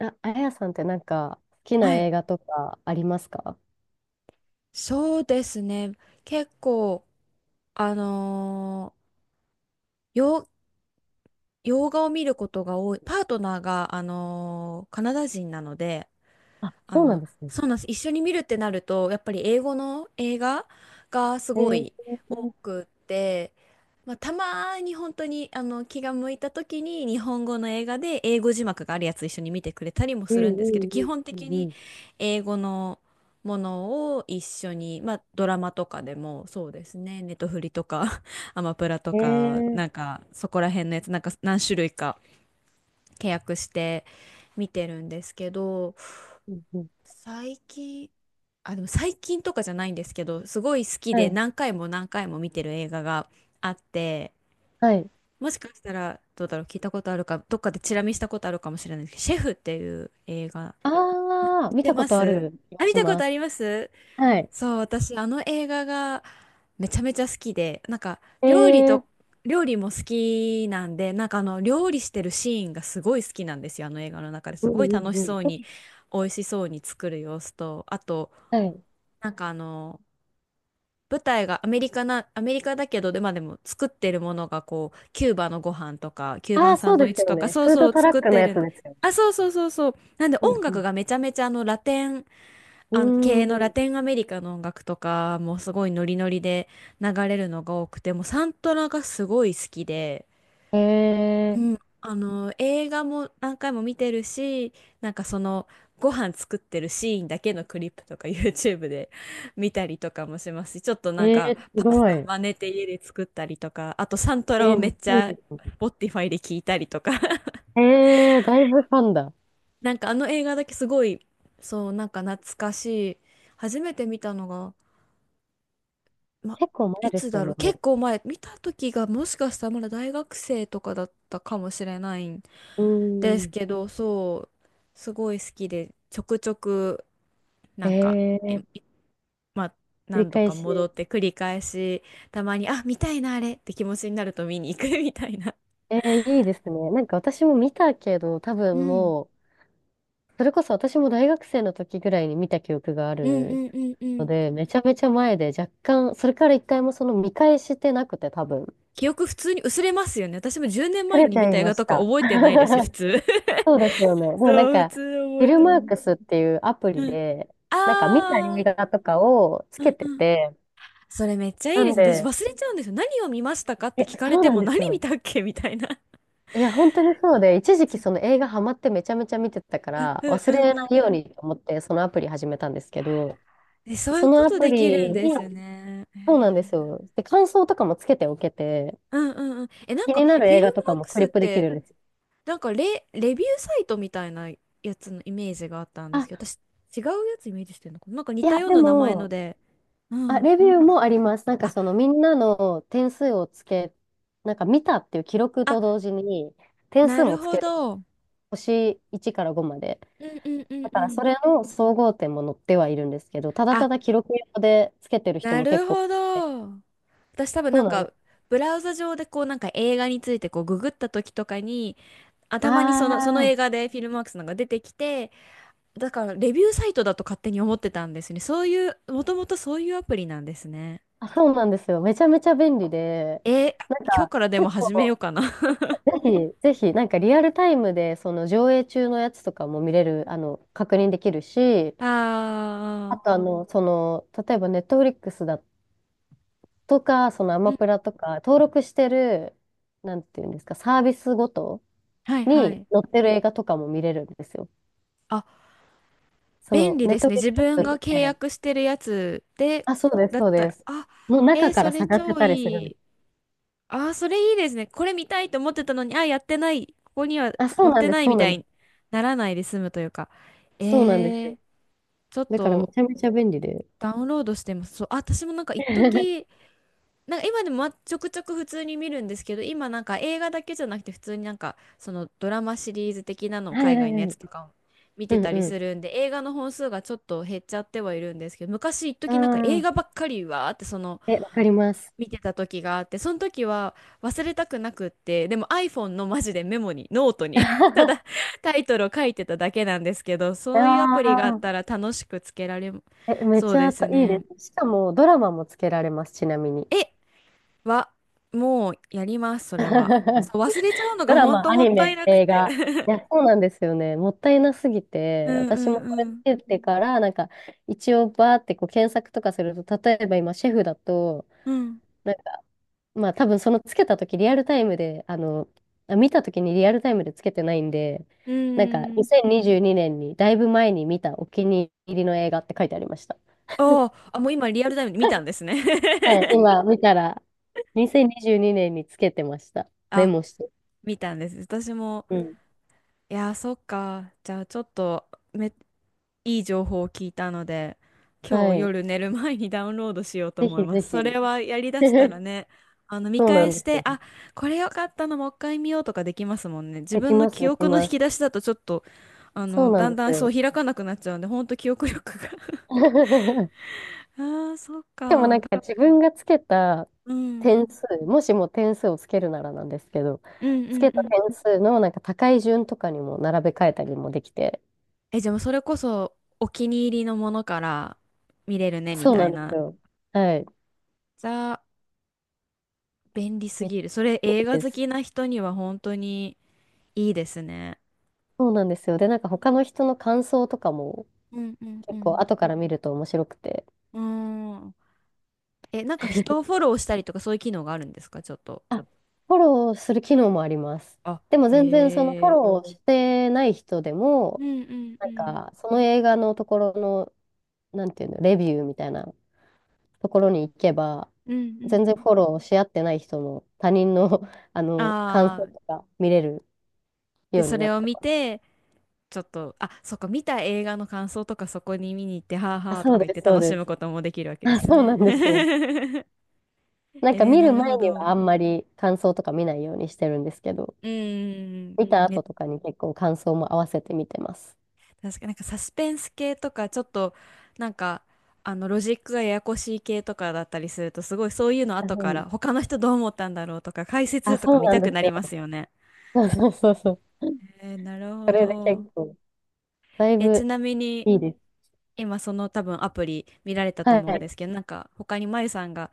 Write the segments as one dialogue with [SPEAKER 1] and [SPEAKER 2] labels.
[SPEAKER 1] あやさんってなんか好きな
[SPEAKER 2] はい。
[SPEAKER 1] 映画とかありますか？
[SPEAKER 2] そうですね。結構、あのー、洋、洋画を見ることが多い。パートナーが、カナダ人なので、
[SPEAKER 1] あ、
[SPEAKER 2] あ
[SPEAKER 1] そうなん
[SPEAKER 2] の、
[SPEAKER 1] ですね。
[SPEAKER 2] そうなんです。一緒に見るってなると、やっぱり英語の映画がす
[SPEAKER 1] え
[SPEAKER 2] ご
[SPEAKER 1] ー、
[SPEAKER 2] い多くって、まあ、たまに本当に気が向いた時に日本語の映画で英語字幕があるやつ一緒に見てくれたりも
[SPEAKER 1] う
[SPEAKER 2] す
[SPEAKER 1] ん
[SPEAKER 2] るんですけど、基本
[SPEAKER 1] う
[SPEAKER 2] 的
[SPEAKER 1] んう
[SPEAKER 2] に
[SPEAKER 1] ん
[SPEAKER 2] 英語のものを一緒に、まあ、ドラマとかでもそうですね、ネトフリとか アマプラと
[SPEAKER 1] う
[SPEAKER 2] か、
[SPEAKER 1] ん。
[SPEAKER 2] なんかそこら辺のやつ、なんか何種類か契約して見てるんですけど、
[SPEAKER 1] うんうん。
[SPEAKER 2] 最近、あ、でも最近とかじゃないんですけど、すごい好き
[SPEAKER 1] は
[SPEAKER 2] で
[SPEAKER 1] い。
[SPEAKER 2] 何回も何回も見てる映画があって、
[SPEAKER 1] はい。
[SPEAKER 2] もしかしたらどうだろう、聞いたことあるか、どっかでチラ見したことあるかもしれないですけど、シェフっていう映画、
[SPEAKER 1] ああ、
[SPEAKER 2] 見
[SPEAKER 1] 見
[SPEAKER 2] て
[SPEAKER 1] たこ
[SPEAKER 2] ま
[SPEAKER 1] とあ
[SPEAKER 2] す？
[SPEAKER 1] る気
[SPEAKER 2] あ、
[SPEAKER 1] が
[SPEAKER 2] 見
[SPEAKER 1] し
[SPEAKER 2] たこ
[SPEAKER 1] ま
[SPEAKER 2] とあ
[SPEAKER 1] す。
[SPEAKER 2] ります。
[SPEAKER 1] はい。
[SPEAKER 2] そう、私、あの映画がめちゃめちゃ好きで、なんか
[SPEAKER 1] え
[SPEAKER 2] 料理
[SPEAKER 1] ー、
[SPEAKER 2] と、料理も好きなんで、なんかあの料理してるシーンがすごい好きなんですよ、あの映画の中で
[SPEAKER 1] う
[SPEAKER 2] す
[SPEAKER 1] ん
[SPEAKER 2] ごい
[SPEAKER 1] うん
[SPEAKER 2] 楽し
[SPEAKER 1] う
[SPEAKER 2] そう
[SPEAKER 1] ん。
[SPEAKER 2] に。美味しそうに作る様子と、あと
[SPEAKER 1] はい。
[SPEAKER 2] なんか舞台がアメリカだけど、で、まあでも作ってるものがこう、キューバのご飯とか、キューバ
[SPEAKER 1] あ
[SPEAKER 2] ン
[SPEAKER 1] あ、
[SPEAKER 2] サ
[SPEAKER 1] そ
[SPEAKER 2] ン
[SPEAKER 1] う
[SPEAKER 2] ドイ
[SPEAKER 1] で
[SPEAKER 2] ッ
[SPEAKER 1] す
[SPEAKER 2] チ
[SPEAKER 1] よ
[SPEAKER 2] とか、
[SPEAKER 1] ね。
[SPEAKER 2] そう
[SPEAKER 1] フー
[SPEAKER 2] そ
[SPEAKER 1] ド
[SPEAKER 2] う
[SPEAKER 1] トラッ
[SPEAKER 2] 作っ
[SPEAKER 1] クの
[SPEAKER 2] て
[SPEAKER 1] や
[SPEAKER 2] る
[SPEAKER 1] つ
[SPEAKER 2] んで、
[SPEAKER 1] ですよね。
[SPEAKER 2] あ、そうそうそうそう。なんで
[SPEAKER 1] う
[SPEAKER 2] 音楽
[SPEAKER 1] ん
[SPEAKER 2] がめちゃめちゃラテン、
[SPEAKER 1] うん。う
[SPEAKER 2] 系のラ
[SPEAKER 1] ーん。
[SPEAKER 2] テンアメリカの音楽とかもうすごいノリノリで流れるのが多くて、もうサントラがすごい好きで、うん、
[SPEAKER 1] え
[SPEAKER 2] あの映画も何回も見てるしなんかそのご飯作ってるシーンだけのクリップとか YouTube で 見たりとかもしますし、ちょっと
[SPEAKER 1] ー、
[SPEAKER 2] なんか
[SPEAKER 1] えす
[SPEAKER 2] パス
[SPEAKER 1] ごい。
[SPEAKER 2] タ真似て家で作ったりとか、あとサントラをめ
[SPEAKER 1] めっ
[SPEAKER 2] っ
[SPEAKER 1] ち
[SPEAKER 2] ち
[SPEAKER 1] ゃいい
[SPEAKER 2] ゃ
[SPEAKER 1] ですね。
[SPEAKER 2] Spotify で聞いたりとか。
[SPEAKER 1] だいぶファンだ。
[SPEAKER 2] なんかあの映画だけすごい、そう、なんか懐かしい。初めて見たのが、ま、
[SPEAKER 1] 結構前
[SPEAKER 2] い
[SPEAKER 1] で
[SPEAKER 2] つ
[SPEAKER 1] すよ
[SPEAKER 2] だろ
[SPEAKER 1] ね、
[SPEAKER 2] う、結
[SPEAKER 1] も
[SPEAKER 2] 構前、見た時がもしかしたらまだ大学生とかだったかもしれない
[SPEAKER 1] う。う
[SPEAKER 2] です
[SPEAKER 1] ーん。
[SPEAKER 2] けど、そう、すごい好きで、ちょくちょく、
[SPEAKER 1] え
[SPEAKER 2] なんか、え、
[SPEAKER 1] ー
[SPEAKER 2] まあ、
[SPEAKER 1] 繰り
[SPEAKER 2] 何度
[SPEAKER 1] 返
[SPEAKER 2] か戻
[SPEAKER 1] し。
[SPEAKER 2] って繰り返し、たまに、あ、見たいな、あれって気持ちになると見に行く みたいな。
[SPEAKER 1] いいですね。なんか私も見たけど、多
[SPEAKER 2] う
[SPEAKER 1] 分
[SPEAKER 2] ん
[SPEAKER 1] もう、それこそ私も大学生の時ぐらいに見た記憶があ
[SPEAKER 2] うん
[SPEAKER 1] る
[SPEAKER 2] うんうんう
[SPEAKER 1] の
[SPEAKER 2] ん。
[SPEAKER 1] で、めちゃめちゃ前で若干、それから一回もその見返してなくて多分。
[SPEAKER 2] 記憶普通に薄れますよね。私も10年
[SPEAKER 1] さ
[SPEAKER 2] 前
[SPEAKER 1] れ
[SPEAKER 2] に
[SPEAKER 1] ち
[SPEAKER 2] 見
[SPEAKER 1] ゃい
[SPEAKER 2] た映
[SPEAKER 1] ま
[SPEAKER 2] 画と
[SPEAKER 1] し
[SPEAKER 2] か
[SPEAKER 1] た。
[SPEAKER 2] 覚えてないです、普通。
[SPEAKER 1] そうですよね。で もなん
[SPEAKER 2] そう、普
[SPEAKER 1] か、
[SPEAKER 2] 通
[SPEAKER 1] フ
[SPEAKER 2] 覚
[SPEAKER 1] ィ
[SPEAKER 2] え
[SPEAKER 1] ル
[SPEAKER 2] て
[SPEAKER 1] マ
[SPEAKER 2] な
[SPEAKER 1] ー
[SPEAKER 2] い。
[SPEAKER 1] クスっていうアプリ
[SPEAKER 2] うん。
[SPEAKER 1] で、なんか見た映
[SPEAKER 2] あー、
[SPEAKER 1] 画とかをつ
[SPEAKER 2] う
[SPEAKER 1] け
[SPEAKER 2] ん
[SPEAKER 1] て
[SPEAKER 2] うん。
[SPEAKER 1] て、
[SPEAKER 2] それめっちゃい
[SPEAKER 1] な
[SPEAKER 2] いで
[SPEAKER 1] ん
[SPEAKER 2] すね。私
[SPEAKER 1] で、
[SPEAKER 2] 忘れちゃうんですよ。何を見ましたかって聞かれ
[SPEAKER 1] そう
[SPEAKER 2] て
[SPEAKER 1] なん
[SPEAKER 2] も
[SPEAKER 1] で
[SPEAKER 2] 何
[SPEAKER 1] す
[SPEAKER 2] 見
[SPEAKER 1] よ。
[SPEAKER 2] たっけみたいな。
[SPEAKER 1] いや、本当にそうで、一 時期
[SPEAKER 2] そ
[SPEAKER 1] その
[SPEAKER 2] う、
[SPEAKER 1] 映画ハマってめちゃめちゃ見てたか
[SPEAKER 2] うん
[SPEAKER 1] ら、
[SPEAKER 2] うん
[SPEAKER 1] 忘
[SPEAKER 2] う
[SPEAKER 1] れ
[SPEAKER 2] んう
[SPEAKER 1] な
[SPEAKER 2] ん
[SPEAKER 1] い
[SPEAKER 2] う
[SPEAKER 1] よう
[SPEAKER 2] ん。
[SPEAKER 1] にと思ってそのアプリ始めたんですけど、
[SPEAKER 2] え、そうい
[SPEAKER 1] そ
[SPEAKER 2] う
[SPEAKER 1] の
[SPEAKER 2] こ
[SPEAKER 1] ア
[SPEAKER 2] と
[SPEAKER 1] プ
[SPEAKER 2] できる
[SPEAKER 1] リ
[SPEAKER 2] んで
[SPEAKER 1] に、
[SPEAKER 2] すね。え
[SPEAKER 1] そうな
[SPEAKER 2] ー、
[SPEAKER 1] んですよ。で、感想とかもつけておけて、
[SPEAKER 2] うんうんうん。え、なん
[SPEAKER 1] 気
[SPEAKER 2] か、
[SPEAKER 1] にな
[SPEAKER 2] フ
[SPEAKER 1] る
[SPEAKER 2] ィ
[SPEAKER 1] 映
[SPEAKER 2] ル
[SPEAKER 1] 画と
[SPEAKER 2] マ
[SPEAKER 1] か
[SPEAKER 2] ー
[SPEAKER 1] も
[SPEAKER 2] ク
[SPEAKER 1] ク
[SPEAKER 2] ス
[SPEAKER 1] リッ
[SPEAKER 2] っ
[SPEAKER 1] プできる
[SPEAKER 2] て、
[SPEAKER 1] んです。
[SPEAKER 2] なんかレビューサイトみたいなやつのイメージがあったんですけ
[SPEAKER 1] あ、
[SPEAKER 2] ど、私、違うやつイメージしてるのかな、なんか似
[SPEAKER 1] い
[SPEAKER 2] た
[SPEAKER 1] や、
[SPEAKER 2] よう
[SPEAKER 1] で
[SPEAKER 2] な名前の
[SPEAKER 1] も、
[SPEAKER 2] で。う
[SPEAKER 1] あ、
[SPEAKER 2] ん。
[SPEAKER 1] レビューもあります。なんか
[SPEAKER 2] あ、
[SPEAKER 1] そのみんなの点数をつけ、なんか見たっていう記録
[SPEAKER 2] あ、
[SPEAKER 1] と同時に、点
[SPEAKER 2] な
[SPEAKER 1] 数も
[SPEAKER 2] る
[SPEAKER 1] つけ
[SPEAKER 2] ほ
[SPEAKER 1] る。
[SPEAKER 2] ど。うん
[SPEAKER 1] 星1から5まで。
[SPEAKER 2] うんうん
[SPEAKER 1] だ
[SPEAKER 2] う
[SPEAKER 1] からそ
[SPEAKER 2] ん。
[SPEAKER 1] れの総合点も載ってはいるんですけど、ただ
[SPEAKER 2] あ、
[SPEAKER 1] ただ記録用でつけてる人
[SPEAKER 2] な
[SPEAKER 1] も結
[SPEAKER 2] る
[SPEAKER 1] 構、
[SPEAKER 2] ほど。私多分
[SPEAKER 1] そ
[SPEAKER 2] な
[SPEAKER 1] う
[SPEAKER 2] ん
[SPEAKER 1] なんで
[SPEAKER 2] か、
[SPEAKER 1] す。
[SPEAKER 2] ブラウザ上でこうなんか映画についてこうググった時とかに、あ、
[SPEAKER 1] あ
[SPEAKER 2] たまにその
[SPEAKER 1] ー、
[SPEAKER 2] 映画でフィルマークスなんか出てきて、だからレビューサイトだと勝手に思ってたんですね。そういう、もともとそういうアプリなんですね。
[SPEAKER 1] あ、そうなんですよ。めちゃめちゃ便利で、
[SPEAKER 2] えー、今日からでも
[SPEAKER 1] 結
[SPEAKER 2] 始めよう
[SPEAKER 1] 構、
[SPEAKER 2] かな。
[SPEAKER 1] ぜひ、ぜひ、なんかリアルタイムで、その上映中のやつとかも見れる、あの、確認できるし、あ
[SPEAKER 2] あ
[SPEAKER 1] と、あの、その、例えばネットフリックスだとか、そのア
[SPEAKER 2] ー、う
[SPEAKER 1] マ
[SPEAKER 2] ん、
[SPEAKER 1] プラとか、登録してる、なんていうんですか、サービスごと
[SPEAKER 2] はいは
[SPEAKER 1] に
[SPEAKER 2] い。
[SPEAKER 1] 載ってる映画とかも見れるんですよ。
[SPEAKER 2] あ、
[SPEAKER 1] そ
[SPEAKER 2] 便
[SPEAKER 1] の、
[SPEAKER 2] 利
[SPEAKER 1] ネ
[SPEAKER 2] で
[SPEAKER 1] ッ
[SPEAKER 2] す
[SPEAKER 1] ト
[SPEAKER 2] ね。
[SPEAKER 1] フリッ
[SPEAKER 2] 自
[SPEAKER 1] ク
[SPEAKER 2] 分
[SPEAKER 1] ス
[SPEAKER 2] が
[SPEAKER 1] っ
[SPEAKER 2] 契
[SPEAKER 1] て、
[SPEAKER 2] 約してるやつで、
[SPEAKER 1] あ、そうです、
[SPEAKER 2] だっ
[SPEAKER 1] そう
[SPEAKER 2] た
[SPEAKER 1] で
[SPEAKER 2] ら、
[SPEAKER 1] す。
[SPEAKER 2] あ、
[SPEAKER 1] の
[SPEAKER 2] え
[SPEAKER 1] 中
[SPEAKER 2] ー、
[SPEAKER 1] か
[SPEAKER 2] そ
[SPEAKER 1] ら
[SPEAKER 2] れ
[SPEAKER 1] 探せ
[SPEAKER 2] 超
[SPEAKER 1] たりするん
[SPEAKER 2] い
[SPEAKER 1] で
[SPEAKER 2] い。
[SPEAKER 1] す。
[SPEAKER 2] あー、それいいですね。これ見たいと思ってたのに、あ、やってない。ここには
[SPEAKER 1] あ、そ
[SPEAKER 2] 載
[SPEAKER 1] う
[SPEAKER 2] っ
[SPEAKER 1] なん
[SPEAKER 2] て
[SPEAKER 1] で
[SPEAKER 2] な
[SPEAKER 1] す、
[SPEAKER 2] い
[SPEAKER 1] そ
[SPEAKER 2] み
[SPEAKER 1] うな
[SPEAKER 2] た
[SPEAKER 1] んで
[SPEAKER 2] い
[SPEAKER 1] す。
[SPEAKER 2] にならないで済むというか。え
[SPEAKER 1] そうなんですよ。
[SPEAKER 2] ー、ちょっ
[SPEAKER 1] だからめ
[SPEAKER 2] と
[SPEAKER 1] ちゃめちゃ便利で。
[SPEAKER 2] ダウンロードしてます。そう、あ、私もなんか一時、
[SPEAKER 1] は
[SPEAKER 2] なんか今でもまちょくちょく普通に見るんですけど、今なんか映画だけじゃなくて普通になんかそのドラマシリーズ的なの
[SPEAKER 1] い
[SPEAKER 2] を
[SPEAKER 1] はい
[SPEAKER 2] 海
[SPEAKER 1] は
[SPEAKER 2] 外のやつ
[SPEAKER 1] い。
[SPEAKER 2] とかを見
[SPEAKER 1] う
[SPEAKER 2] て
[SPEAKER 1] ん
[SPEAKER 2] たり
[SPEAKER 1] うん。
[SPEAKER 2] するんで、映画の本数がちょっと減っちゃってはいるんですけど、昔一
[SPEAKER 1] あ
[SPEAKER 2] 時なんか映
[SPEAKER 1] あ、
[SPEAKER 2] 画ばっかりわーってその
[SPEAKER 1] わかります。
[SPEAKER 2] 見てた時があって、その時は忘れたくなくって、でも iPhone のマジでメモに、ノート に た
[SPEAKER 1] あ
[SPEAKER 2] だタイトルを書いてただけなんですけど、そういうアプリがあっ
[SPEAKER 1] あ、
[SPEAKER 2] たら楽しくつけられ、
[SPEAKER 1] め
[SPEAKER 2] そう
[SPEAKER 1] ち
[SPEAKER 2] で
[SPEAKER 1] ゃ
[SPEAKER 2] す
[SPEAKER 1] たいい
[SPEAKER 2] ね。
[SPEAKER 1] です。しかもドラマもつけられます、ちなみに。
[SPEAKER 2] え、は、もうやります、それは。そう、忘れちゃうの
[SPEAKER 1] ド
[SPEAKER 2] が
[SPEAKER 1] ラ
[SPEAKER 2] 本
[SPEAKER 1] マ、
[SPEAKER 2] 当
[SPEAKER 1] ア
[SPEAKER 2] も
[SPEAKER 1] ニ
[SPEAKER 2] ったい
[SPEAKER 1] メ、
[SPEAKER 2] なく
[SPEAKER 1] 映画。
[SPEAKER 2] て。
[SPEAKER 1] い や、そうなんですよね。もったいなすぎ
[SPEAKER 2] う
[SPEAKER 1] て、
[SPEAKER 2] ん
[SPEAKER 1] 私もこ
[SPEAKER 2] う
[SPEAKER 1] れ
[SPEAKER 2] ん
[SPEAKER 1] つけてから、なんか、一応バーってこう検索とかすると、例えば今、シェフだと、
[SPEAKER 2] うん。うん。
[SPEAKER 1] まあ多分そのつけた時リアルタイムで、あの、あ見た時にリアルタイムでつけてないんで、
[SPEAKER 2] う
[SPEAKER 1] なんか
[SPEAKER 2] ーん。
[SPEAKER 1] 2022年にじゅうにねんにだいぶ前に見たお気に入りの映画って書いてありました。
[SPEAKER 2] おー、あ、もう今リアルタイムに見たんですね。
[SPEAKER 1] はい、今見たら2022年にじゅうにねんにつけてました。メ
[SPEAKER 2] あ、
[SPEAKER 1] モして。
[SPEAKER 2] 見たんです。私も。
[SPEAKER 1] うん。
[SPEAKER 2] いやー、そっか。じゃあ、ちょっといい情報を聞いたので、今
[SPEAKER 1] は
[SPEAKER 2] 日
[SPEAKER 1] い。
[SPEAKER 2] 夜寝る前にダウンロードしようと
[SPEAKER 1] ぜ
[SPEAKER 2] 思い
[SPEAKER 1] ひ
[SPEAKER 2] ま
[SPEAKER 1] ぜ
[SPEAKER 2] す。
[SPEAKER 1] ひ。
[SPEAKER 2] それはやりだしたら ね、見
[SPEAKER 1] そうな
[SPEAKER 2] 返
[SPEAKER 1] んで
[SPEAKER 2] し
[SPEAKER 1] す
[SPEAKER 2] て、
[SPEAKER 1] よ。
[SPEAKER 2] あ、これ良かったのもう一回見ようとかできますもんね。自
[SPEAKER 1] でき
[SPEAKER 2] 分の
[SPEAKER 1] ます、
[SPEAKER 2] 記
[SPEAKER 1] でき
[SPEAKER 2] 憶の引
[SPEAKER 1] ます。
[SPEAKER 2] き出しだとちょっと、
[SPEAKER 1] そうなん
[SPEAKER 2] だ
[SPEAKER 1] で
[SPEAKER 2] んだ
[SPEAKER 1] す
[SPEAKER 2] んそう
[SPEAKER 1] よ。
[SPEAKER 2] 開かなくなっちゃうんで、ほんと記憶力が。 ああ、そっ
[SPEAKER 1] でもなん
[SPEAKER 2] か。
[SPEAKER 1] か自分がつけた
[SPEAKER 2] うん。う
[SPEAKER 1] 点
[SPEAKER 2] ん
[SPEAKER 1] 数、もしも点数をつけるならなんですけど、
[SPEAKER 2] うん
[SPEAKER 1] つけ
[SPEAKER 2] う
[SPEAKER 1] た
[SPEAKER 2] ん。
[SPEAKER 1] 点数のなんか高い順とかにも並べ替えたりもできて、
[SPEAKER 2] え、じゃあもうそれこそお気に入りのものから見れるね、み
[SPEAKER 1] そう
[SPEAKER 2] た
[SPEAKER 1] な
[SPEAKER 2] い
[SPEAKER 1] んです
[SPEAKER 2] な。
[SPEAKER 1] よ。はい。
[SPEAKER 2] じゃあ、便利す
[SPEAKER 1] めっち
[SPEAKER 2] ぎる。それ
[SPEAKER 1] ゃい
[SPEAKER 2] 映画
[SPEAKER 1] いで
[SPEAKER 2] 好
[SPEAKER 1] す。
[SPEAKER 2] きな人には本当にいいですね。
[SPEAKER 1] そうなんですよ。で、なんか他の人の感想とかも
[SPEAKER 2] うんうんう
[SPEAKER 1] 結構
[SPEAKER 2] ん。
[SPEAKER 1] 後から見ると面白くて、
[SPEAKER 2] うーん。え、なんか人をフォローしたりとかそういう機能があるんですか、ちょっと。
[SPEAKER 1] あ、フォローする機能もあります。
[SPEAKER 2] あ、
[SPEAKER 1] でも全然そのフォ
[SPEAKER 2] へえ。
[SPEAKER 1] ローしてない人で
[SPEAKER 2] う
[SPEAKER 1] も、
[SPEAKER 2] んうん
[SPEAKER 1] な
[SPEAKER 2] う
[SPEAKER 1] ん
[SPEAKER 2] ん。
[SPEAKER 1] かその映画のところの、なんていうの、レビューみたいなところに行けば、
[SPEAKER 2] うんう
[SPEAKER 1] 全然
[SPEAKER 2] ん。
[SPEAKER 1] フォローし合ってない人も他人の、あの感
[SPEAKER 2] あ
[SPEAKER 1] 想
[SPEAKER 2] あ、
[SPEAKER 1] とか見れる
[SPEAKER 2] で、
[SPEAKER 1] よう
[SPEAKER 2] そ
[SPEAKER 1] にな
[SPEAKER 2] れ
[SPEAKER 1] っ
[SPEAKER 2] を
[SPEAKER 1] た
[SPEAKER 2] 見
[SPEAKER 1] から。
[SPEAKER 2] て、ちょっと、あ、そっか、見た映画の感想とかそこに見に行って、はあ
[SPEAKER 1] あ、
[SPEAKER 2] はあと
[SPEAKER 1] そう
[SPEAKER 2] か言っ
[SPEAKER 1] で
[SPEAKER 2] て
[SPEAKER 1] す、そう
[SPEAKER 2] 楽し
[SPEAKER 1] で
[SPEAKER 2] む
[SPEAKER 1] す。
[SPEAKER 2] こともできるわけで
[SPEAKER 1] あ、
[SPEAKER 2] すよ
[SPEAKER 1] そうな
[SPEAKER 2] ね。
[SPEAKER 1] んですよ。なんか
[SPEAKER 2] えー、
[SPEAKER 1] 見
[SPEAKER 2] な
[SPEAKER 1] る
[SPEAKER 2] るほ
[SPEAKER 1] 前には
[SPEAKER 2] ど。
[SPEAKER 1] あんまり感想とか見ないようにしてるんですけど、
[SPEAKER 2] うんうんうん。
[SPEAKER 1] 見た後
[SPEAKER 2] ね、
[SPEAKER 1] とかに結構感想も合わせて見てます。
[SPEAKER 2] 確かになんかサスペンス系とかちょっとなんかロジックがややこしい系とかだったりするとすごいそういうの
[SPEAKER 1] あ、
[SPEAKER 2] 後か
[SPEAKER 1] う
[SPEAKER 2] ら
[SPEAKER 1] ん、
[SPEAKER 2] 他の人どう思ったんだろうとか解
[SPEAKER 1] あ、
[SPEAKER 2] 説と
[SPEAKER 1] そ
[SPEAKER 2] か
[SPEAKER 1] う
[SPEAKER 2] 見
[SPEAKER 1] な
[SPEAKER 2] た
[SPEAKER 1] んで
[SPEAKER 2] くな
[SPEAKER 1] す
[SPEAKER 2] り
[SPEAKER 1] よ。
[SPEAKER 2] ますよね。
[SPEAKER 1] そうそうそうそう。
[SPEAKER 2] えー、なる
[SPEAKER 1] そ
[SPEAKER 2] ほ
[SPEAKER 1] れで
[SPEAKER 2] ど。
[SPEAKER 1] 結構、だい
[SPEAKER 2] え、ち
[SPEAKER 1] ぶ
[SPEAKER 2] なみに
[SPEAKER 1] いいです。
[SPEAKER 2] 今その多分アプリ見られたと
[SPEAKER 1] は
[SPEAKER 2] 思うんで
[SPEAKER 1] い。
[SPEAKER 2] すけど、なんか他にまゆさんが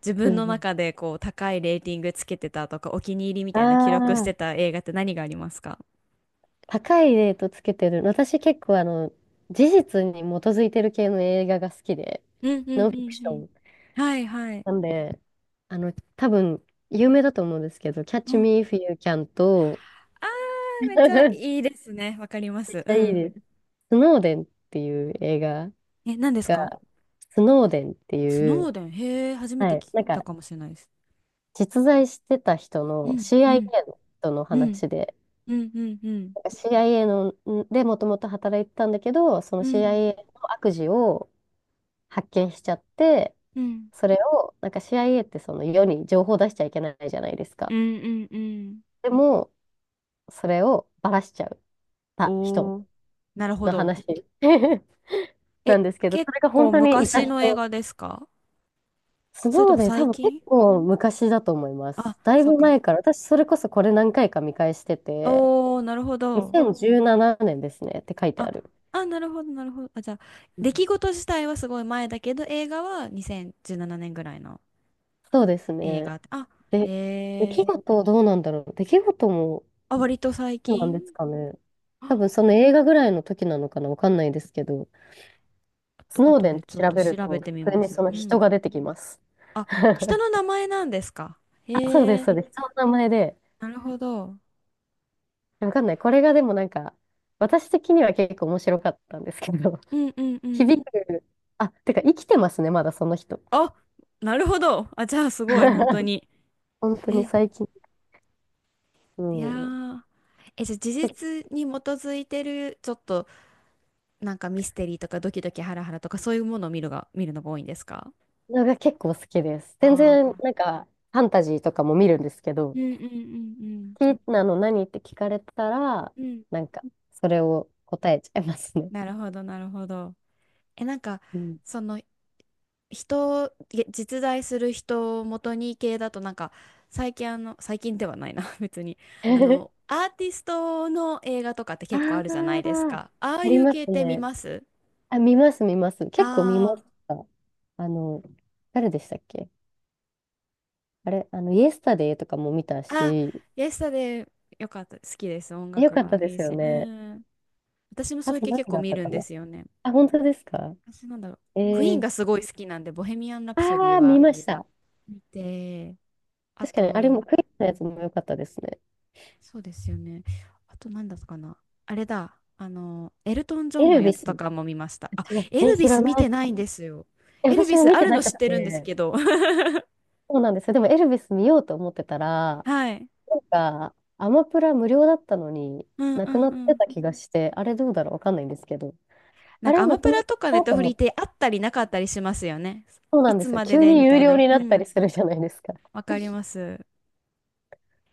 [SPEAKER 2] 自
[SPEAKER 1] う
[SPEAKER 2] 分
[SPEAKER 1] ん
[SPEAKER 2] の
[SPEAKER 1] うん、
[SPEAKER 2] 中でこう高いレーティングつけてたとかお気に入りみ
[SPEAKER 1] あ
[SPEAKER 2] たいな記録して
[SPEAKER 1] あ。
[SPEAKER 2] た映画って何がありますか？
[SPEAKER 1] 高いレートつけてる。私結構あの、事実に基づいてる系の映画が好きで、
[SPEAKER 2] うんう
[SPEAKER 1] ノ
[SPEAKER 2] ん
[SPEAKER 1] ン
[SPEAKER 2] う
[SPEAKER 1] フィク
[SPEAKER 2] ん
[SPEAKER 1] シ
[SPEAKER 2] う
[SPEAKER 1] ョ
[SPEAKER 2] ん。
[SPEAKER 1] ン。
[SPEAKER 2] はいはい。
[SPEAKER 1] なんで、あの、多分、有名だと思うんですけど、
[SPEAKER 2] う
[SPEAKER 1] Catch
[SPEAKER 2] ん、
[SPEAKER 1] Me If You Can と、
[SPEAKER 2] あー、めっちゃ いいですね。わかりま
[SPEAKER 1] めっ
[SPEAKER 2] す。
[SPEAKER 1] ち
[SPEAKER 2] う
[SPEAKER 1] ゃいい
[SPEAKER 2] ん。
[SPEAKER 1] です。スノーデンっていう映画
[SPEAKER 2] え、何ですか？
[SPEAKER 1] が、スノーデンって
[SPEAKER 2] ス
[SPEAKER 1] い
[SPEAKER 2] ノー
[SPEAKER 1] う、
[SPEAKER 2] デン。へえ、初めて
[SPEAKER 1] はい、
[SPEAKER 2] 聞
[SPEAKER 1] なん
[SPEAKER 2] いた
[SPEAKER 1] か、
[SPEAKER 2] かもしれないです。
[SPEAKER 1] 実在してた人
[SPEAKER 2] う
[SPEAKER 1] の
[SPEAKER 2] ん、うん、
[SPEAKER 1] CIA の人の
[SPEAKER 2] うん、
[SPEAKER 1] 話で、
[SPEAKER 2] うん、うん、うん、
[SPEAKER 1] なんか CIA の、んでもともと働いてたんだけど、その
[SPEAKER 2] うん、
[SPEAKER 1] CIA の悪事を、発見しちゃって、
[SPEAKER 2] うん、
[SPEAKER 1] それを、なんか CIA ってその世に情報出しちゃいけないじゃないです
[SPEAKER 2] う
[SPEAKER 1] か。
[SPEAKER 2] ん、うんうん。
[SPEAKER 1] でも、それをばらしちゃった人
[SPEAKER 2] おー、なるほ
[SPEAKER 1] の
[SPEAKER 2] ど。
[SPEAKER 1] 話 な
[SPEAKER 2] え、
[SPEAKER 1] んですけど、
[SPEAKER 2] 結
[SPEAKER 1] それが
[SPEAKER 2] 構
[SPEAKER 1] 本当にいた
[SPEAKER 2] 昔の映
[SPEAKER 1] 人。
[SPEAKER 2] 画ですか、
[SPEAKER 1] ス
[SPEAKER 2] それと
[SPEAKER 1] ノー
[SPEAKER 2] も
[SPEAKER 1] デン多
[SPEAKER 2] 最
[SPEAKER 1] 分結
[SPEAKER 2] 近？
[SPEAKER 1] 構昔だと思いま
[SPEAKER 2] あ、
[SPEAKER 1] す。だい
[SPEAKER 2] そう
[SPEAKER 1] ぶ
[SPEAKER 2] か。
[SPEAKER 1] 前から、私それこそこれ何回か見返してて、
[SPEAKER 2] おー、なるほど。
[SPEAKER 1] 2017年ですねって書いて
[SPEAKER 2] あ、
[SPEAKER 1] ある。
[SPEAKER 2] あ、なるほど、なるほど。あ、じゃあ、出来事自体はすごい前だけど、映画は2017年ぐらいの
[SPEAKER 1] そうです
[SPEAKER 2] 映
[SPEAKER 1] ね。
[SPEAKER 2] 画。あ、へ
[SPEAKER 1] で、出
[SPEAKER 2] え、
[SPEAKER 1] 来事どうなんだろう。出来事も
[SPEAKER 2] あ、割と最
[SPEAKER 1] そうなん
[SPEAKER 2] 近。
[SPEAKER 1] ですかね。多
[SPEAKER 2] あ、
[SPEAKER 1] 分その映画ぐらいの時なのかな、わかんないですけど、
[SPEAKER 2] あと、
[SPEAKER 1] スノー
[SPEAKER 2] 後
[SPEAKER 1] デンっ
[SPEAKER 2] で
[SPEAKER 1] て
[SPEAKER 2] ちょっ
[SPEAKER 1] 調
[SPEAKER 2] と
[SPEAKER 1] べる
[SPEAKER 2] 調べ
[SPEAKER 1] と、
[SPEAKER 2] てみ
[SPEAKER 1] 普通
[SPEAKER 2] ま
[SPEAKER 1] に
[SPEAKER 2] す。
[SPEAKER 1] その
[SPEAKER 2] う
[SPEAKER 1] 人
[SPEAKER 2] ん。
[SPEAKER 1] が出てきます。
[SPEAKER 2] あ、人の名 前なんですか？へ
[SPEAKER 1] あ、そうです、
[SPEAKER 2] え、
[SPEAKER 1] そうです。人の名前で、
[SPEAKER 2] なるほど。
[SPEAKER 1] わかんない。これがでもなんか、私的には結構面白かったんですけど、
[SPEAKER 2] う んうんうん。
[SPEAKER 1] 響く、あ、てか生きてますね、まだその人。
[SPEAKER 2] あ、なるほど。あ、じゃあすごい、本当 に。
[SPEAKER 1] 本当に
[SPEAKER 2] え、
[SPEAKER 1] 最近、う
[SPEAKER 2] いや
[SPEAKER 1] ん、
[SPEAKER 2] ー。え、じゃあ事
[SPEAKER 1] け
[SPEAKER 2] 実に基づいてる、ちょっとミステリーとかドキドキハラハラとかそういうものを見るのが多いんですか？
[SPEAKER 1] のが結構好きです。全
[SPEAKER 2] ああー、な
[SPEAKER 1] 然
[SPEAKER 2] る
[SPEAKER 1] なんか、ファンタジーとかも見るんですけ
[SPEAKER 2] う
[SPEAKER 1] ど、
[SPEAKER 2] んうんうん
[SPEAKER 1] 好き、なの、何って聞かれたら、
[SPEAKER 2] うん。うん。
[SPEAKER 1] なんか、それを答えちゃいますね。
[SPEAKER 2] なるほど、なるほど。え、
[SPEAKER 1] うん。
[SPEAKER 2] その、人、実在する人を元に系だと最近あの、最近ではないな 別に。あの、アーティストの映画とかって
[SPEAKER 1] あ
[SPEAKER 2] 結構あるじゃないです
[SPEAKER 1] あ、
[SPEAKER 2] か。ああ
[SPEAKER 1] あ
[SPEAKER 2] い
[SPEAKER 1] り
[SPEAKER 2] う
[SPEAKER 1] ま
[SPEAKER 2] 系
[SPEAKER 1] す
[SPEAKER 2] って見
[SPEAKER 1] ね。
[SPEAKER 2] ます？
[SPEAKER 1] あ、見ます、見ます。結構見ま
[SPEAKER 2] あ
[SPEAKER 1] した。あの、誰でしたっけ？あれ、あの、イエスタデイとかも見た
[SPEAKER 2] あー、あ、
[SPEAKER 1] し、
[SPEAKER 2] イエスタで、よかった。好きです。音
[SPEAKER 1] よ
[SPEAKER 2] 楽
[SPEAKER 1] かった
[SPEAKER 2] が
[SPEAKER 1] で
[SPEAKER 2] いい
[SPEAKER 1] すよ
[SPEAKER 2] し。う
[SPEAKER 1] ね。
[SPEAKER 2] ん。私も
[SPEAKER 1] あ
[SPEAKER 2] そういう
[SPEAKER 1] と
[SPEAKER 2] 系
[SPEAKER 1] 何
[SPEAKER 2] 結構
[SPEAKER 1] があっ
[SPEAKER 2] 見
[SPEAKER 1] た
[SPEAKER 2] るん
[SPEAKER 1] か
[SPEAKER 2] で
[SPEAKER 1] な？
[SPEAKER 2] すよね。
[SPEAKER 1] あ、本当ですか？
[SPEAKER 2] 私なんだろう。
[SPEAKER 1] え
[SPEAKER 2] クイーン
[SPEAKER 1] ー、
[SPEAKER 2] がすごい好きなんで、ボヘミアン・ラプソディ
[SPEAKER 1] ああ、見
[SPEAKER 2] は
[SPEAKER 1] ました。
[SPEAKER 2] 見て、あ
[SPEAKER 1] 確かに、あれも
[SPEAKER 2] と、
[SPEAKER 1] クイズのやつも良かったですね。
[SPEAKER 2] そうですよね。あと何だったかな。あれだ。あの、エルトン・ジョ
[SPEAKER 1] エ
[SPEAKER 2] ンの
[SPEAKER 1] ル
[SPEAKER 2] や
[SPEAKER 1] ビ
[SPEAKER 2] つ
[SPEAKER 1] ス。
[SPEAKER 2] とかも見ました。あ、
[SPEAKER 1] 違う。
[SPEAKER 2] エ
[SPEAKER 1] え、
[SPEAKER 2] ル
[SPEAKER 1] 知
[SPEAKER 2] ビ
[SPEAKER 1] ら
[SPEAKER 2] ス見
[SPEAKER 1] ない。
[SPEAKER 2] てないんですよ。
[SPEAKER 1] え、
[SPEAKER 2] エル
[SPEAKER 1] 私
[SPEAKER 2] ビ
[SPEAKER 1] も
[SPEAKER 2] ス
[SPEAKER 1] 見
[SPEAKER 2] あ
[SPEAKER 1] て
[SPEAKER 2] る
[SPEAKER 1] な
[SPEAKER 2] の
[SPEAKER 1] く
[SPEAKER 2] 知ってるんです
[SPEAKER 1] て。
[SPEAKER 2] けど。
[SPEAKER 1] そうなんですよ。でもエルヴィス見ようと思ってたら、
[SPEAKER 2] はい。
[SPEAKER 1] なんか、アマプラ無料だったのに、
[SPEAKER 2] うん
[SPEAKER 1] な
[SPEAKER 2] う
[SPEAKER 1] く
[SPEAKER 2] ん
[SPEAKER 1] な
[SPEAKER 2] う
[SPEAKER 1] って
[SPEAKER 2] ん。
[SPEAKER 1] た気がして、あれどうだろうわかんないんですけど、
[SPEAKER 2] な
[SPEAKER 1] あ
[SPEAKER 2] んか
[SPEAKER 1] れ
[SPEAKER 2] アマ
[SPEAKER 1] なく
[SPEAKER 2] プ
[SPEAKER 1] な
[SPEAKER 2] ラ
[SPEAKER 1] っ
[SPEAKER 2] とかネッ
[SPEAKER 1] た
[SPEAKER 2] ト
[SPEAKER 1] と
[SPEAKER 2] フ
[SPEAKER 1] 思
[SPEAKER 2] リ
[SPEAKER 1] っ
[SPEAKER 2] っ
[SPEAKER 1] て、
[SPEAKER 2] てあったりなかったりしますよね。
[SPEAKER 1] そうな
[SPEAKER 2] い
[SPEAKER 1] んで
[SPEAKER 2] つ
[SPEAKER 1] すよ。
[SPEAKER 2] まで
[SPEAKER 1] 急
[SPEAKER 2] で
[SPEAKER 1] に
[SPEAKER 2] みた
[SPEAKER 1] 有
[SPEAKER 2] い
[SPEAKER 1] 料
[SPEAKER 2] な。
[SPEAKER 1] に
[SPEAKER 2] う
[SPEAKER 1] なった
[SPEAKER 2] ん。
[SPEAKER 1] りするじゃないですか。
[SPEAKER 2] わかります。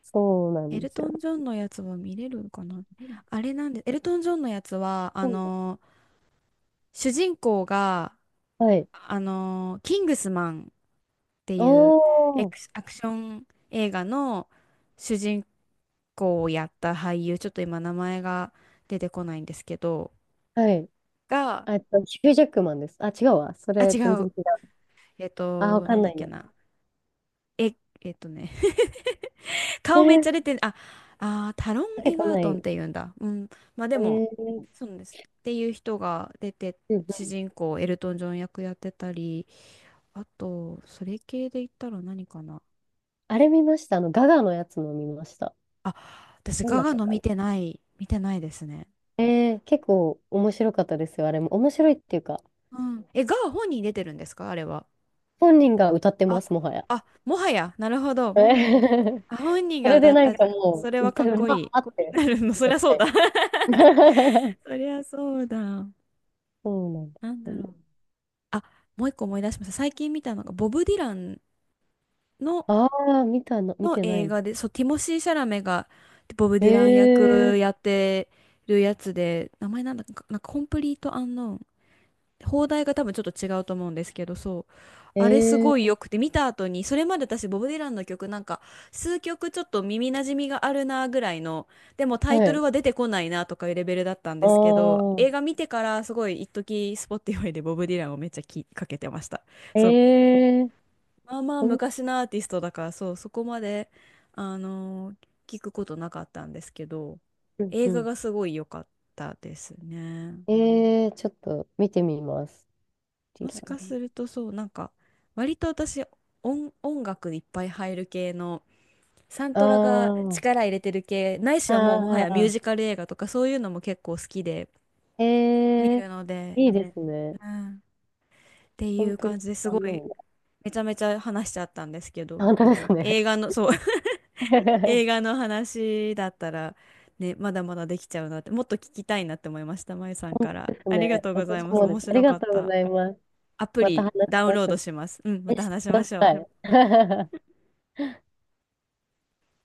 [SPEAKER 1] そうな
[SPEAKER 2] エ
[SPEAKER 1] んで
[SPEAKER 2] ル
[SPEAKER 1] す
[SPEAKER 2] ト
[SPEAKER 1] よ
[SPEAKER 2] ン・ジョ
[SPEAKER 1] ね。
[SPEAKER 2] ンのやつは見れるのかな？あれなんで、エルトン・ジョンのやつは、あ
[SPEAKER 1] う
[SPEAKER 2] の、主人公が、
[SPEAKER 1] ん、はい。
[SPEAKER 2] あの、キングスマンっていうエ
[SPEAKER 1] おー。
[SPEAKER 2] クスアクション映画の主人公をやった俳優、ちょっと今名前が出てこないんですけど、
[SPEAKER 1] はい。
[SPEAKER 2] が、
[SPEAKER 1] ヒュージャックマンです。あ、違うわ。そ
[SPEAKER 2] あ、
[SPEAKER 1] れ
[SPEAKER 2] 違
[SPEAKER 1] 全然
[SPEAKER 2] う。
[SPEAKER 1] 違う。
[SPEAKER 2] えっ
[SPEAKER 1] あ、わ
[SPEAKER 2] と、
[SPEAKER 1] か
[SPEAKER 2] なん
[SPEAKER 1] ん
[SPEAKER 2] だ
[SPEAKER 1] な
[SPEAKER 2] っ
[SPEAKER 1] い
[SPEAKER 2] け
[SPEAKER 1] や。
[SPEAKER 2] な。え、えっとね、
[SPEAKER 1] へ
[SPEAKER 2] 顔めっち
[SPEAKER 1] え、
[SPEAKER 2] ゃ出て、あ、あー、タロン・
[SPEAKER 1] 出て
[SPEAKER 2] エ
[SPEAKER 1] こ
[SPEAKER 2] ガー
[SPEAKER 1] な
[SPEAKER 2] トンっ
[SPEAKER 1] い。
[SPEAKER 2] ていうんだ。うん。まあで
[SPEAKER 1] え
[SPEAKER 2] も、
[SPEAKER 1] ー、
[SPEAKER 2] そうなんです。っていう人が出て、
[SPEAKER 1] うんう
[SPEAKER 2] 主
[SPEAKER 1] ん、
[SPEAKER 2] 人公エルトン・ジョン役やってたり、あと、それ系で言ったら何かな。
[SPEAKER 1] あれ見ました。ガガのやつも見ました。
[SPEAKER 2] あ、私、
[SPEAKER 1] なん
[SPEAKER 2] ガ
[SPEAKER 1] だっ
[SPEAKER 2] ガ
[SPEAKER 1] た
[SPEAKER 2] の
[SPEAKER 1] か。
[SPEAKER 2] 見てない、見てないですね。
[SPEAKER 1] 結構面白かったですよ、あれも。面白いっていうか、
[SPEAKER 2] うん。え、ガガ本人出てるんですかあれは。
[SPEAKER 1] 本人が歌ってま
[SPEAKER 2] あ、
[SPEAKER 1] す、もはや。
[SPEAKER 2] あ、もはや、なるほど。
[SPEAKER 1] えー
[SPEAKER 2] あ、本人
[SPEAKER 1] そ
[SPEAKER 2] が
[SPEAKER 1] れ
[SPEAKER 2] 歌
[SPEAKER 1] で
[SPEAKER 2] っ
[SPEAKER 1] な
[SPEAKER 2] て、
[SPEAKER 1] ん
[SPEAKER 2] あ、
[SPEAKER 1] か
[SPEAKER 2] そ
[SPEAKER 1] も
[SPEAKER 2] れ
[SPEAKER 1] う、
[SPEAKER 2] はか
[SPEAKER 1] 歌
[SPEAKER 2] っ
[SPEAKER 1] う
[SPEAKER 2] こ
[SPEAKER 1] ま
[SPEAKER 2] い
[SPEAKER 1] ーっ
[SPEAKER 2] い。
[SPEAKER 1] て
[SPEAKER 2] なるの、そ
[SPEAKER 1] な
[SPEAKER 2] り
[SPEAKER 1] っ
[SPEAKER 2] ゃ
[SPEAKER 1] ち
[SPEAKER 2] そ
[SPEAKER 1] ゃ
[SPEAKER 2] う
[SPEAKER 1] い
[SPEAKER 2] だ。
[SPEAKER 1] ます。
[SPEAKER 2] そりゃそうだ。
[SPEAKER 1] そうなんで
[SPEAKER 2] なん
[SPEAKER 1] す
[SPEAKER 2] だ
[SPEAKER 1] ね。
[SPEAKER 2] ろう。あ、もう一個思い出しました。最近見たのが、ボブ・ディランの、
[SPEAKER 1] ああ、見たの、見てない
[SPEAKER 2] 映
[SPEAKER 1] の。
[SPEAKER 2] 画で、そう、ティモシー・シャラメが、ボブ・
[SPEAKER 1] え
[SPEAKER 2] ディラン役
[SPEAKER 1] ー、
[SPEAKER 2] やってるやつで、名前なんだっけ、なんか、コンプリート・アンノーン。放題が多分ちょっと違うと思うんですけど、そう。あれすごい
[SPEAKER 1] え
[SPEAKER 2] 良くて、見た後に、それまで私、ボブ・ディランの曲なんか、数曲ちょっと耳なじみがあるなぐらいの、でもタイ
[SPEAKER 1] は
[SPEAKER 2] トル
[SPEAKER 1] い。
[SPEAKER 2] は出てこないなとかいうレベルだったん
[SPEAKER 1] あ
[SPEAKER 2] ですけど、映画見てからすごい一時スポティファイでボブ・ディランをめっちゃきかけてました。
[SPEAKER 1] あ、
[SPEAKER 2] そう。まあまあ
[SPEAKER 1] ほん、
[SPEAKER 2] 昔のアーティストだから、そう、そこまで、あのー聞くことなかったんですけど、
[SPEAKER 1] うん
[SPEAKER 2] 映
[SPEAKER 1] う
[SPEAKER 2] 画
[SPEAKER 1] ん。
[SPEAKER 2] がすごい良かったですね。
[SPEAKER 1] ちょっと見てみます。ティ
[SPEAKER 2] も
[SPEAKER 1] ラ
[SPEAKER 2] しか
[SPEAKER 1] ね。
[SPEAKER 2] するとそう、なんか、割と私、音楽いっぱい入る系の、サン
[SPEAKER 1] あ
[SPEAKER 2] トラが
[SPEAKER 1] あ、
[SPEAKER 2] 力入れてる系、ないしはもうもは
[SPEAKER 1] あ
[SPEAKER 2] やミュー
[SPEAKER 1] あ、
[SPEAKER 2] ジカル映画とかそういうのも結構好きで
[SPEAKER 1] え
[SPEAKER 2] 見
[SPEAKER 1] ー、
[SPEAKER 2] るので、
[SPEAKER 1] いいですね。
[SPEAKER 2] うん、って
[SPEAKER 1] コ
[SPEAKER 2] い
[SPEAKER 1] ン
[SPEAKER 2] う
[SPEAKER 1] プリ、
[SPEAKER 2] 感じです
[SPEAKER 1] あ
[SPEAKER 2] ごい、
[SPEAKER 1] の、
[SPEAKER 2] めちゃめちゃ話しちゃったんですけど、
[SPEAKER 1] 本当ですね。
[SPEAKER 2] 映画の、そう 映 画の話だったら、ね、まだまだできちゃうなって、もっと聞きたいなって思いました、まゆさん
[SPEAKER 1] 本
[SPEAKER 2] か
[SPEAKER 1] 当
[SPEAKER 2] ら。
[SPEAKER 1] です
[SPEAKER 2] ありが
[SPEAKER 1] ね。
[SPEAKER 2] とうござい
[SPEAKER 1] 私
[SPEAKER 2] ます。
[SPEAKER 1] もで
[SPEAKER 2] 面
[SPEAKER 1] す。あり
[SPEAKER 2] 白
[SPEAKER 1] が
[SPEAKER 2] かっ
[SPEAKER 1] とうご
[SPEAKER 2] た。
[SPEAKER 1] ざいます。
[SPEAKER 2] アプ
[SPEAKER 1] また話
[SPEAKER 2] リ
[SPEAKER 1] し
[SPEAKER 2] ダウン
[SPEAKER 1] ま
[SPEAKER 2] ロー
[SPEAKER 1] しょ
[SPEAKER 2] ド
[SPEAKER 1] う。
[SPEAKER 2] します。うん、ま
[SPEAKER 1] え、
[SPEAKER 2] た
[SPEAKER 1] して
[SPEAKER 2] 話し
[SPEAKER 1] く
[SPEAKER 2] ま
[SPEAKER 1] だ
[SPEAKER 2] し
[SPEAKER 1] さ
[SPEAKER 2] ょう。
[SPEAKER 1] い。